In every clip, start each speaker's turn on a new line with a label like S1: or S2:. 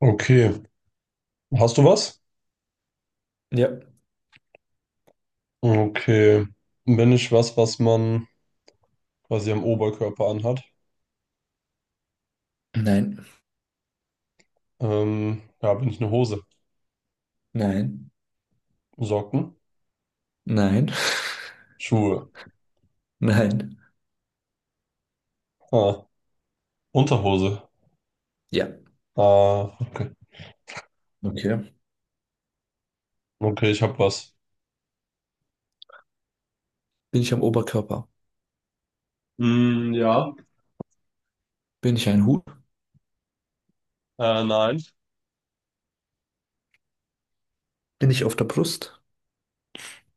S1: Okay. Hast du was?
S2: Ja.
S1: Okay. Bin ich was, was man quasi am Oberkörper anhat?
S2: Nein.
S1: Ja, bin ich eine Hose?
S2: Nein.
S1: Socken?
S2: Nein.
S1: Schuhe?
S2: Nein.
S1: Ah, Unterhose?
S2: Ja.
S1: Ah, okay.
S2: Okay.
S1: Okay, ich hab was.
S2: Bin ich am Oberkörper?
S1: Mm, ja.
S2: Bin ich ein Hut?
S1: Nein.
S2: Bin ich auf der Brust?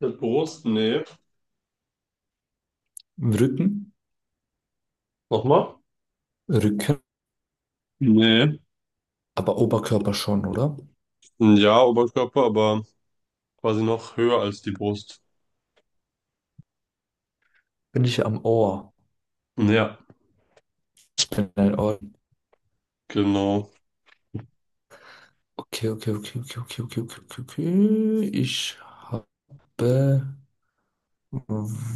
S1: Mit Brust? Nee.
S2: Im Rücken?
S1: Nochmal?
S2: Rücken?
S1: Nee.
S2: Aber Oberkörper schon, oder?
S1: Ja, Oberkörper, aber quasi noch höher als die Brust.
S2: Bin ich am Ohr?
S1: Ja,
S2: Ich bin ein Ohr.
S1: genau.
S2: Okay, okay, okay, okay, okay, okay, okay, okay, okay. Ich habe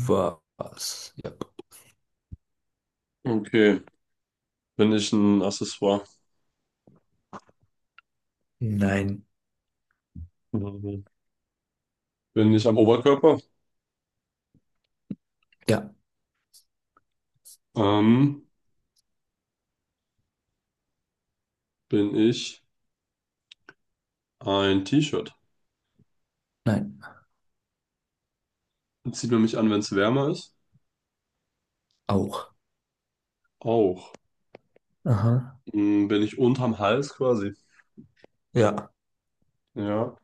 S2: was. Ja.
S1: Okay. Bin ich ein Accessoire?
S2: Nein.
S1: Mhm. Bin ich am Oberkörper?
S2: Ja.
S1: Ähm, bin ich Ein T-Shirt?
S2: Nein.
S1: Zieht man mich an, wenn es wärmer ist?
S2: Auch.
S1: Auch.
S2: Aha.
S1: Hm, bin ich unterm Hals quasi?
S2: Ja.
S1: Ja.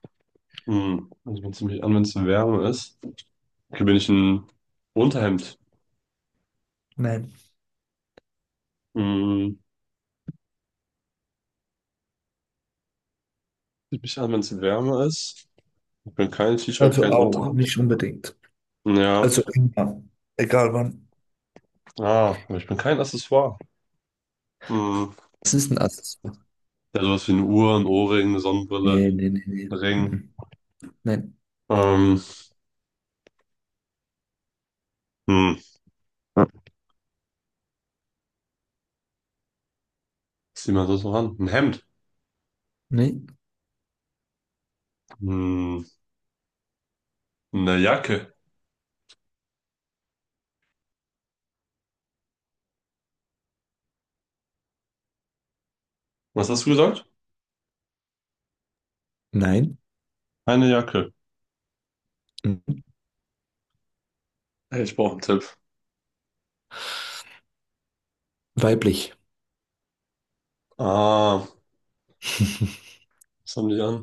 S1: Hm. Also man zieht mich an, wenn es wärmer ist. Okay, bin ich ein Unterhemd?
S2: Nein.
S1: Hm. Zieht mich an, wenn es wärmer ist? Ich bin kein T-Shirt,
S2: Also
S1: kein
S2: auch,
S1: Unterhemd.
S2: nicht unbedingt.
S1: Ja.
S2: Also immer, egal wann.
S1: Ah, aber ich bin kein Accessoire. Hm.
S2: Es ist ein Accessoire.
S1: Ja, sowas wie eine Uhr, ein Ohrring, eine Sonnenbrille,
S2: Nee, nee, nee, nee.
S1: ein Ring.
S2: Mhm. Nein,
S1: Ähm, hm. Was zieht man sonst noch an? Ein Hemd.
S2: nee,
S1: Hm. Eine Jacke. Was hast du gesagt?
S2: nein.
S1: Eine Jacke.
S2: Mhm.
S1: Ey, ich brauche einen Tipp.
S2: Weiblich.
S1: Ah, was haben die an?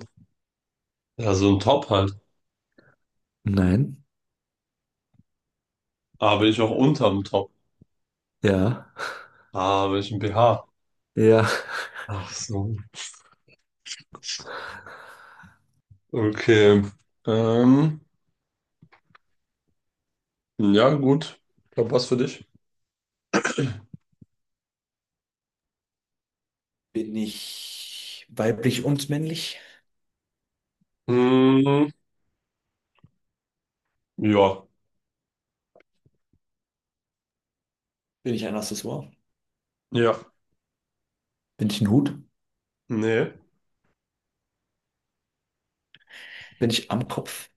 S1: Ja, so ein Top halt.
S2: Nein,
S1: Ah, bin ich auch unterm Top.
S2: ja,
S1: Ah, bin ich ein BH?
S2: ja.
S1: Ach so. Okay. Ähm, ja, gut. Ich glaube, was für dich?
S2: Bin ich weiblich und männlich?
S1: Mm, ja.
S2: Bin ich ein Accessoire?
S1: Ja.
S2: Bin ich ein Hut?
S1: Nee.
S2: Bin ich am Kopf?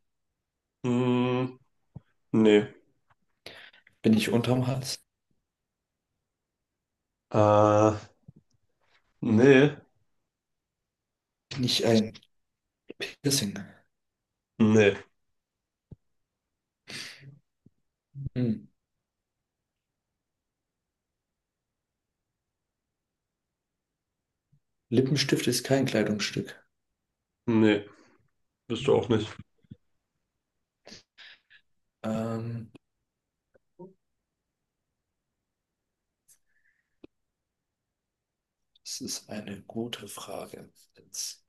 S1: Mm, nee.
S2: Bin ich unterm Hals?
S1: Äh, nee.
S2: Bin ich ein Piercing?
S1: Nee.
S2: Hm. Lippenstift ist kein Kleidungsstück.
S1: Nee. Bist du auch nicht.
S2: Ähm, Das ist eine gute Frage.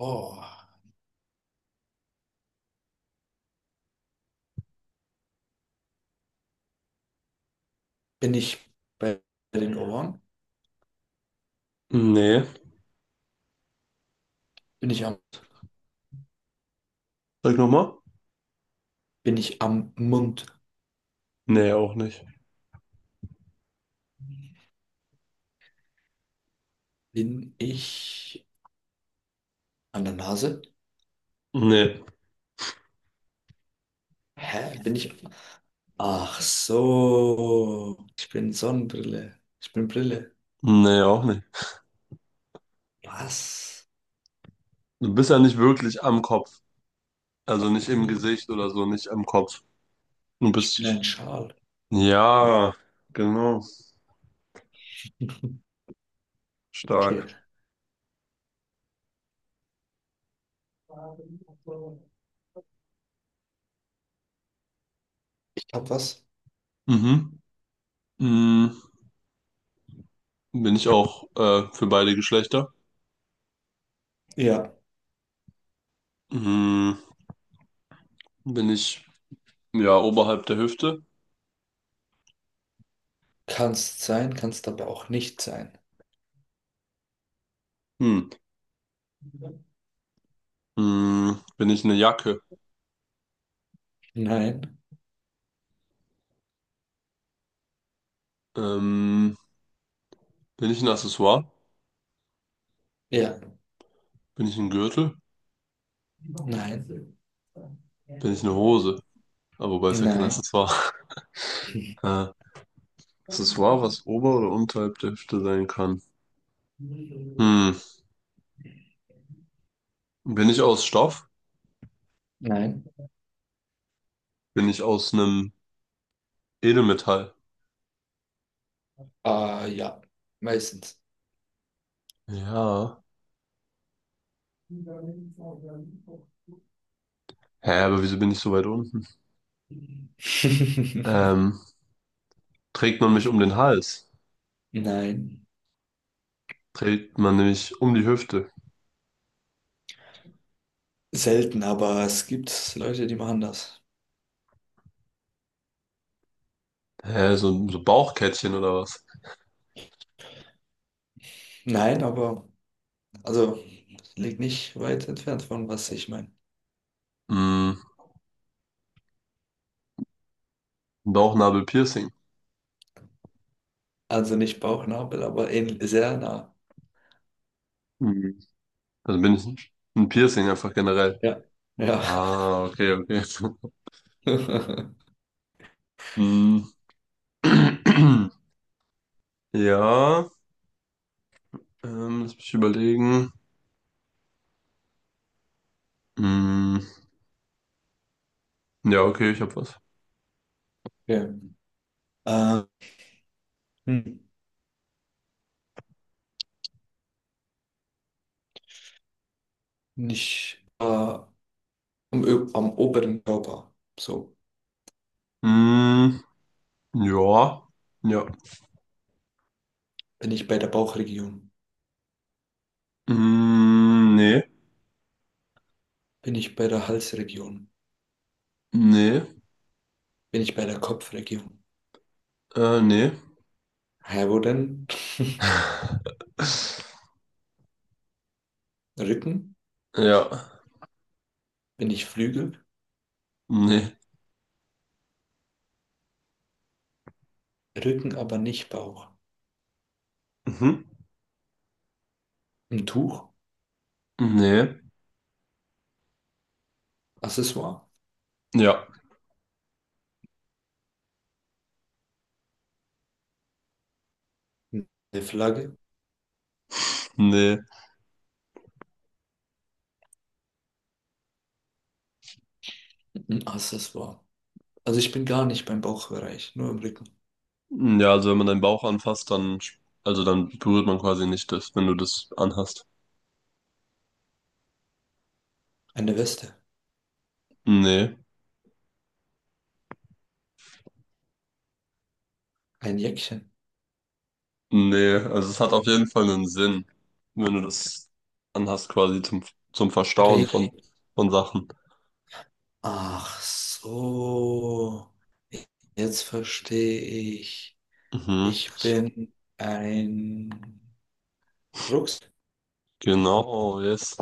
S2: Oh, bin ich bei den Ohren?
S1: Nee.
S2: Bin ich am,
S1: Sag nochmal.
S2: Bin ich am Mund?
S1: Nee, auch nicht.
S2: Bin ich an der Nase?
S1: Nee.
S2: Hä? Bin ich. Ach so. Ich bin Sonnenbrille. Ich bin Brille.
S1: Nee, auch nicht.
S2: Was?
S1: Du bist ja nicht wirklich am Kopf. Also nicht im Gesicht oder so, nicht am Kopf. Du
S2: Ich bin ein
S1: bist.
S2: Schal.
S1: Ja, genau.
S2: Okay.
S1: Stark.
S2: Ich hab was?
S1: Mhm. Mhm. Bin ich auch für beide Geschlechter?
S2: Ja.
S1: Mhm. Bin ich, ja, oberhalb der Hüfte?
S2: Kannst sein, kannst aber auch nicht sein.
S1: Hm. Mhm. Bin ich eine Jacke?
S2: Nein.
S1: Ähm, Bin ich ein Accessoire?
S2: Ja.
S1: Bin ich ein Gürtel?
S2: Nein.
S1: Bin ich eine Hose? Aber wobei ist ja kein
S2: Nein.
S1: Accessoire. Äh, Accessoire, was ober- oder unterhalb der Hüfte sein kann. Hm. Bin ich aus Stoff?
S2: Nein.
S1: Bin ich aus einem Edelmetall?
S2: Ah, ja. Meistens.
S1: Ja. Hä, aber wieso bin ich so weit unten? Ähm, Trägt man mich um den Hals?
S2: Nein,
S1: Trägt man nämlich um die Hüfte?
S2: selten, aber es gibt Leute, die machen das.
S1: Hä, so, so Bauchkettchen oder was?
S2: Nein, aber also liegt nicht weit entfernt von was ich meine.
S1: Hm, Bauchnabel-Piercing.
S2: Also nicht Bauchnabel, aber sehr nah.
S1: Hm. Also bin ich ein Piercing einfach generell.
S2: Ja, ja.
S1: Ah, okay, okay. Hm. Ja, lass mich überlegen. Hm. Ja, okay, ich hab was.
S2: Okay. Äh, hm, Nicht am oberen Körper. So
S1: Hm. Ja, ja.
S2: bin ich bei der Bauchregion,
S1: Hm, nee,
S2: bin ich bei der Halsregion,
S1: nee,
S2: bin ich bei der Kopfregion.
S1: nee.
S2: Ja, wo denn? Rücken?
S1: Ja,
S2: Bin ich Flügel?
S1: nee.
S2: Rücken, aber nicht Bauch.
S1: Mhm.
S2: Ein Tuch,
S1: Nee.
S2: Accessoire.
S1: Ja,
S2: Eine Flagge,
S1: nee.
S2: ein Accessoire. Also ich bin gar nicht beim Bauchbereich, nur im Rücken.
S1: Ja, also wenn man deinen Bauch anfasst, dann, also dann berührt man quasi nicht das, wenn du das anhast.
S2: Eine Weste,
S1: Nee,
S2: ein Jäckchen,
S1: nee, also es hat auf jeden Fall einen Sinn, wenn du das anhast, quasi zum, zum Verstauen
S2: Regen.
S1: von Sachen.
S2: Ach so, jetzt verstehe ich.
S1: Mhm,
S2: Ich bin ein Rucksack.
S1: genau, yes.